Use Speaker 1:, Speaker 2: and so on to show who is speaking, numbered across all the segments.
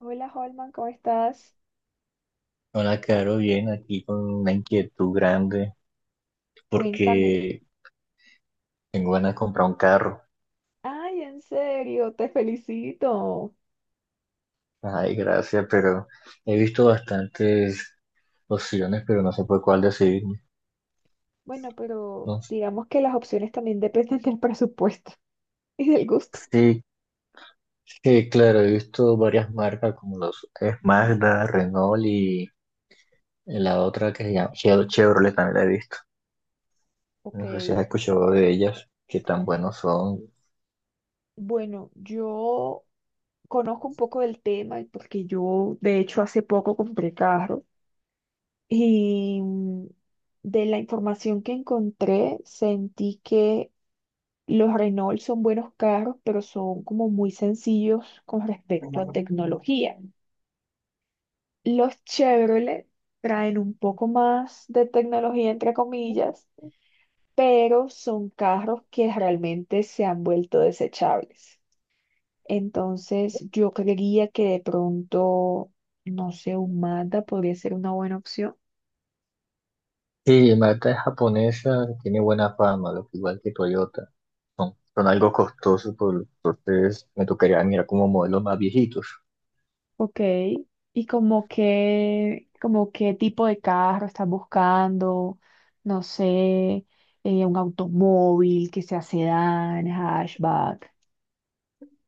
Speaker 1: Hola Holman, ¿cómo estás?
Speaker 2: Hola, Caro, bien, aquí con una inquietud grande
Speaker 1: Cuéntame.
Speaker 2: porque tengo ganas de comprar un carro.
Speaker 1: Ay, en serio, te felicito.
Speaker 2: Ay, gracias, pero he visto bastantes opciones, pero no sé por cuál decidirme.
Speaker 1: Bueno, pero
Speaker 2: No sé.
Speaker 1: digamos que las opciones también dependen del presupuesto y del gusto.
Speaker 2: Sí, sí, claro, he visto varias marcas como los es Mazda, Renault y la otra que se llama Chevrolet también la he visto.
Speaker 1: Ok,
Speaker 2: No sé si has escuchado de ellas, qué tan buenos son.
Speaker 1: bueno, yo conozco un poco del tema porque yo, de hecho, hace poco compré carro y de la información que encontré, sentí que los Renault son buenos carros, pero son como muy sencillos con respecto a tecnología. Los Chevrolet traen un poco más de tecnología, entre comillas, pero son carros que realmente se han vuelto desechables. Entonces, yo creería que de pronto, no sé, un Mazda podría ser una buena opción.
Speaker 2: Sí, Mazda es japonesa, tiene buena fama, lo que igual que Toyota. Son algo costosos, entonces me tocaría mirar como modelos más viejitos.
Speaker 1: Ok. ¿Y como qué tipo de carro estás buscando? No sé, un automóvil que sea sedán, hatchback.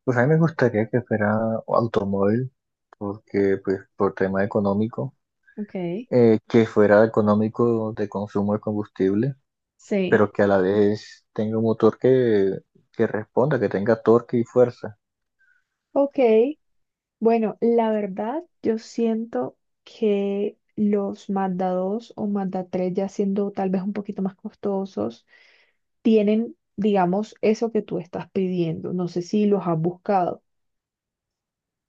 Speaker 2: Pues a mí me gustaría que fuera automóvil, porque pues por tema económico,
Speaker 1: Ok.
Speaker 2: que fuera económico de consumo de combustible,
Speaker 1: Sí.
Speaker 2: pero que a la vez tenga un motor que responda, que tenga torque y fuerza.
Speaker 1: Ok. Bueno, la verdad, yo siento que los Mazda 2 o Mazda 3, ya siendo tal vez un poquito más costosos, tienen, digamos, eso que tú estás pidiendo. No sé si los has buscado.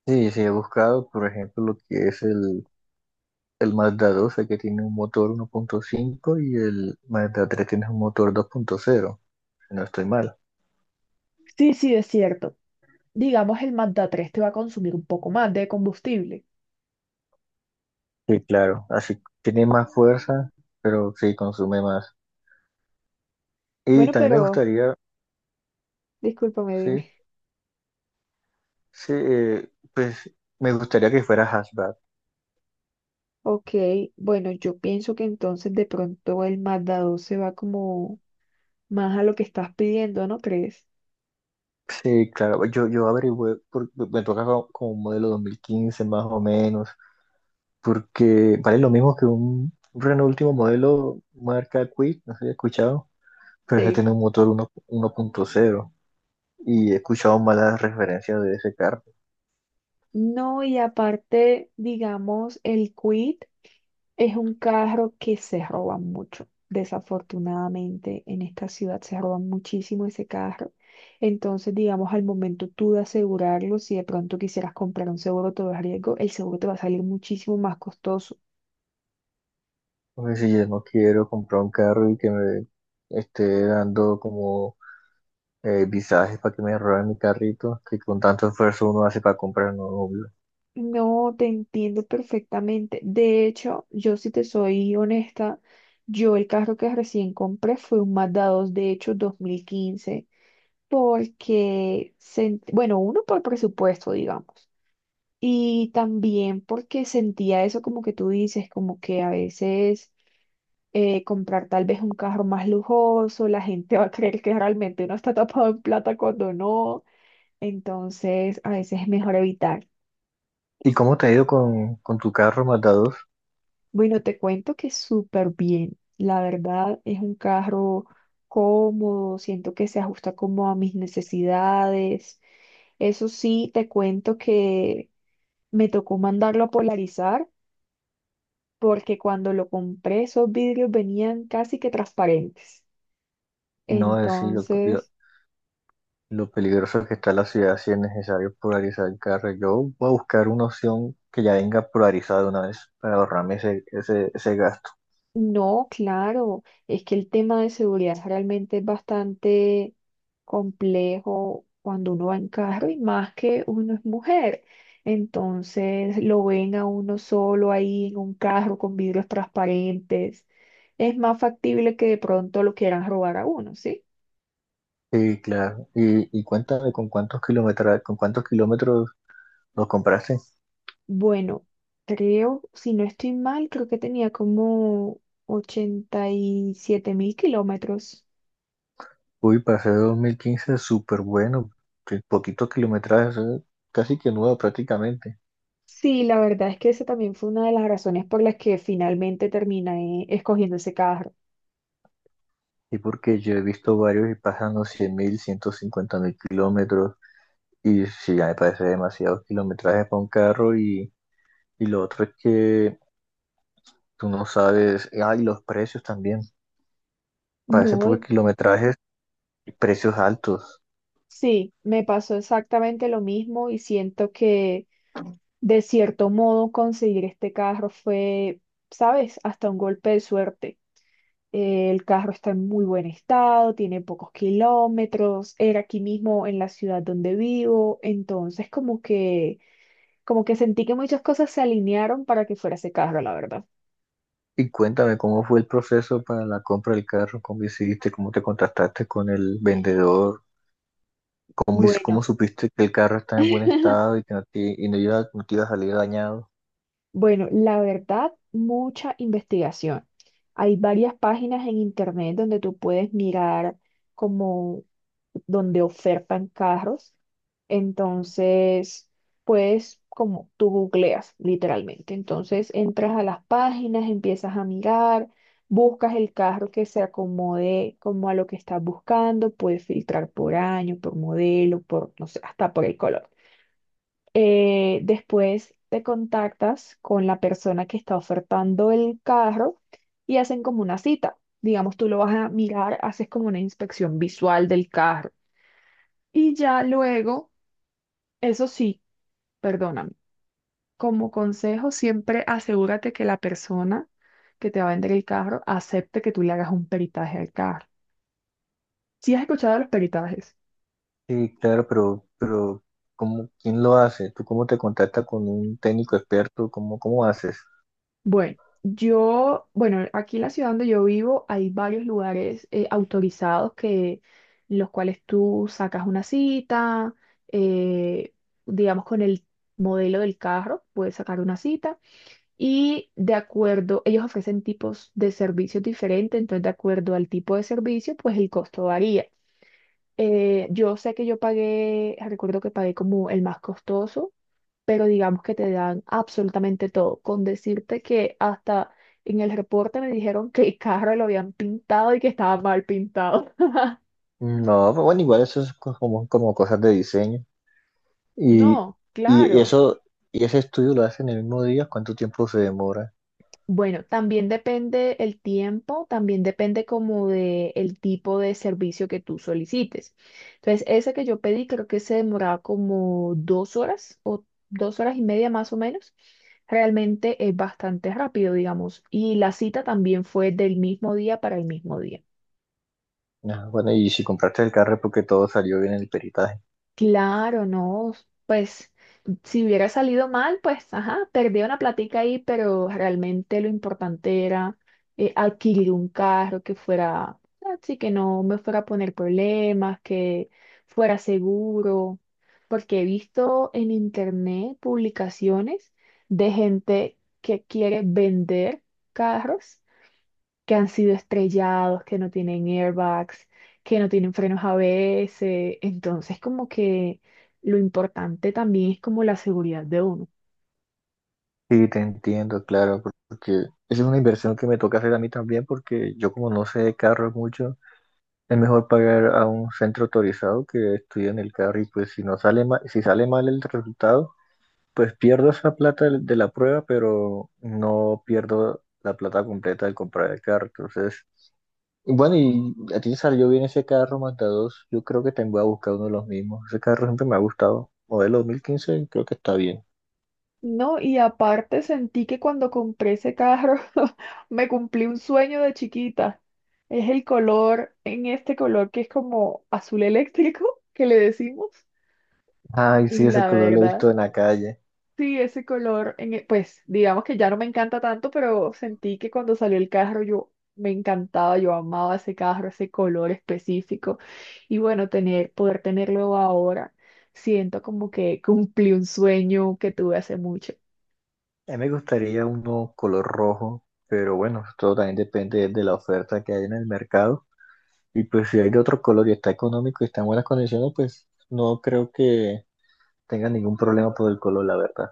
Speaker 2: Sí, sí, he buscado, por ejemplo, lo que es el Mazda 12, que tiene un motor 1.5 y el Mazda 3 tiene un motor 2.0, si no estoy mal.
Speaker 1: Sí, sí, es cierto. Digamos, el Mazda 3 te va a consumir un poco más de combustible.
Speaker 2: Sí, claro, así tiene más fuerza, pero sí consume más. Y
Speaker 1: Bueno,
Speaker 2: también me
Speaker 1: pero
Speaker 2: gustaría,
Speaker 1: discúlpame, dime.
Speaker 2: sí, sí, pues me gustaría que fuera hatchback.
Speaker 1: Ok, bueno, yo pienso que entonces de pronto el Mazda 2 se va como más a lo que estás pidiendo, ¿no crees?
Speaker 2: Sí, claro, yo averigüé, me toca como un modelo 2015 más o menos, porque vale lo mismo que un Renault último modelo marca Kwid, no sé si he escuchado, pero ese
Speaker 1: Sí.
Speaker 2: tiene un motor 1 1.0 y he escuchado malas referencias de ese carro.
Speaker 1: No, y aparte, digamos, el Quid es un carro que se roba mucho. Desafortunadamente, en esta ciudad se roba muchísimo ese carro. Entonces, digamos, al momento tú de asegurarlo, si de pronto quisieras comprar un seguro todo riesgo, el seguro te va a salir muchísimo más costoso.
Speaker 2: Porque si yo no quiero comprar un carro y que me esté dando como visajes para que me roben mi carrito, que con tanto esfuerzo uno hace para comprar un obvio.
Speaker 1: No, te entiendo perfectamente. De hecho, yo si te soy honesta, yo el carro que recién compré fue un Mazda 2, de hecho, 2015 porque, bueno, uno por presupuesto, digamos, y también porque sentía eso como que tú dices, como que a veces comprar tal vez un carro más lujoso, la gente va a creer que realmente uno está tapado en plata cuando no, entonces a veces es mejor evitar.
Speaker 2: ¿Y cómo te ha ido con tu carro Mazda 2?
Speaker 1: Bueno, te cuento que súper bien, la verdad es un carro cómodo, siento que se ajusta como a mis necesidades. Eso sí, te cuento que me tocó mandarlo a polarizar porque cuando lo compré esos vidrios venían casi que transparentes.
Speaker 2: No es decir lo, lo-
Speaker 1: Entonces,
Speaker 2: lo peligroso que está la ciudad si es necesario polarizar el carro. Yo voy a buscar una opción que ya venga polarizada de una vez para ahorrarme ese gasto.
Speaker 1: no, claro, es que el tema de seguridad realmente es bastante complejo cuando uno va en carro y más que uno es mujer. Entonces, lo ven a uno solo ahí en un carro con vidrios transparentes. Es más factible que de pronto lo quieran robar a uno, ¿sí?
Speaker 2: Sí, claro. Y cuéntame con cuántos kilómetros lo compraste.
Speaker 1: Bueno, creo, si no estoy mal, creo que tenía como 87.000 kilómetros.
Speaker 2: Uy, para ser 2015 súper bueno, que poquitos kilometrajes, casi que nuevo prácticamente.
Speaker 1: Sí, la verdad es que esa también fue una de las razones por las que finalmente terminé escogiendo ese carro.
Speaker 2: Y porque yo he visto varios y pasan los 100.000, mil 150.000 kilómetros, y sí, ya me parece demasiado kilometraje para un carro. Y lo otro es que tú no sabes, ah, y los precios también, parece
Speaker 1: No,
Speaker 2: pocos kilometrajes, precios altos.
Speaker 1: sí, me pasó exactamente lo mismo y siento que de cierto modo conseguir este carro fue, ¿sabes?, hasta un golpe de suerte. El carro está en muy buen estado, tiene pocos kilómetros, era aquí mismo en la ciudad donde vivo, entonces como que sentí que muchas cosas se alinearon para que fuera ese carro, la verdad.
Speaker 2: Y cuéntame cómo fue el proceso para la compra del carro, cómo hiciste, cómo te contactaste con el vendedor. ¿¿Cómo
Speaker 1: Bueno,
Speaker 2: supiste que el carro está en buen estado y que no te iba a salir dañado?
Speaker 1: bueno, la verdad, mucha investigación. Hay varias páginas en internet donde tú puedes mirar como donde ofertan carros. Entonces, pues como tú googleas literalmente. Entonces entras a las páginas, empiezas a mirar, buscas el carro que se acomode como a lo que estás buscando, puedes filtrar por año, por modelo, por, no sé, hasta por el color. Después te contactas con la persona que está ofertando el carro y hacen como una cita. Digamos, tú lo vas a mirar, haces como una inspección visual del carro y ya luego, eso sí, perdóname, como consejo, siempre asegúrate que la persona que te va a vender el carro acepte que tú le hagas un peritaje al carro. ¿Sí has escuchado de los peritajes?
Speaker 2: Sí, claro, pero ¿ quién lo hace? ¿Tú cómo te contactas con un técnico experto? ¿Cómo haces?
Speaker 1: Bueno, yo, bueno, aquí en la ciudad donde yo vivo hay varios lugares autorizados que, en los cuales tú sacas una cita, eh, digamos con el modelo del carro, puedes sacar una cita. Y de acuerdo, ellos ofrecen tipos de servicios diferentes, entonces de acuerdo al tipo de servicio, pues el costo varía. Yo sé que yo pagué, recuerdo que pagué como el más costoso, pero digamos que te dan absolutamente todo, con decirte que hasta en el reporte me dijeron que el carro lo habían pintado y que estaba mal pintado.
Speaker 2: No, pues bueno, igual eso es como cosas de diseño. Y,
Speaker 1: No,
Speaker 2: y
Speaker 1: claro.
Speaker 2: eso, y ese estudio lo hacen el mismo día, ¿cuánto tiempo se demora?
Speaker 1: Bueno, también depende el tiempo, también depende como de el tipo de servicio que tú solicites. Entonces, ese que yo pedí creo que se demoraba como 2 horas o 2 horas y media más o menos. Realmente es bastante rápido, digamos. Y la cita también fue del mismo día para el mismo día.
Speaker 2: Ah, bueno, y si compraste el carro es porque todo salió bien en el peritaje.
Speaker 1: Claro, no, pues si hubiera salido mal, pues ajá, perdí una platica ahí, pero realmente lo importante era adquirir un carro que fuera, así que no me fuera a poner problemas, que fuera seguro, porque he visto en internet publicaciones de gente que quiere vender carros que han sido estrellados, que no tienen airbags, que no tienen frenos ABS. Entonces, como que lo importante también es como la seguridad de uno.
Speaker 2: Sí, te entiendo, claro, porque esa es una inversión que me toca hacer a mí también, porque yo como no sé de carros mucho, es mejor pagar a un centro autorizado que estudie en el carro, y pues si no sale mal, si sale mal el resultado, pues pierdo esa plata de la prueba, pero no pierdo la plata completa de comprar el carro. Entonces, bueno, y a ti te salió bien ese carro Mazda 2, yo creo que te voy a buscar uno de los mismos. Ese carro siempre me ha gustado. Modelo 2015, creo que está bien.
Speaker 1: No, y aparte sentí que cuando compré ese carro me cumplí un sueño de chiquita. Es el color, en este color que es como azul eléctrico, que le decimos.
Speaker 2: Ay,
Speaker 1: Y
Speaker 2: sí, ese
Speaker 1: la
Speaker 2: color lo he
Speaker 1: verdad,
Speaker 2: visto en la calle.
Speaker 1: sí, ese color, pues digamos que ya no me encanta tanto, pero sentí que cuando salió el carro yo me encantaba, yo amaba ese carro, ese color específico. Y bueno, tener, poder tenerlo ahora, siento como que cumplí un sueño que tuve hace mucho.
Speaker 2: A mí me gustaría uno color rojo, pero bueno, todo también depende de la oferta que hay en el mercado. Y pues si hay de otro color y está económico y está en buenas condiciones, pues no creo que tenga ningún problema por el color, la verdad.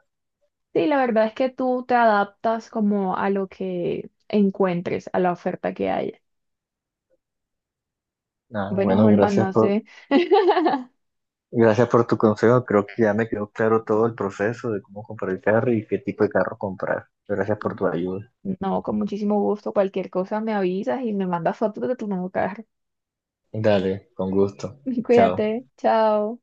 Speaker 1: Sí, la verdad es que tú te adaptas como a lo que encuentres, a la oferta que haya.
Speaker 2: Ah,
Speaker 1: Bueno,
Speaker 2: bueno,
Speaker 1: Holman,
Speaker 2: gracias
Speaker 1: no
Speaker 2: por,
Speaker 1: sé,
Speaker 2: gracias por tu consejo. Creo que ya me quedó claro todo el proceso de cómo comprar el carro y qué tipo de carro comprar. Gracias por tu ayuda.
Speaker 1: no, con muchísimo gusto, cualquier cosa me avisas y me mandas fotos de tu nuevo carro.
Speaker 2: Dale, con gusto. Chao.
Speaker 1: Cuídate, chao.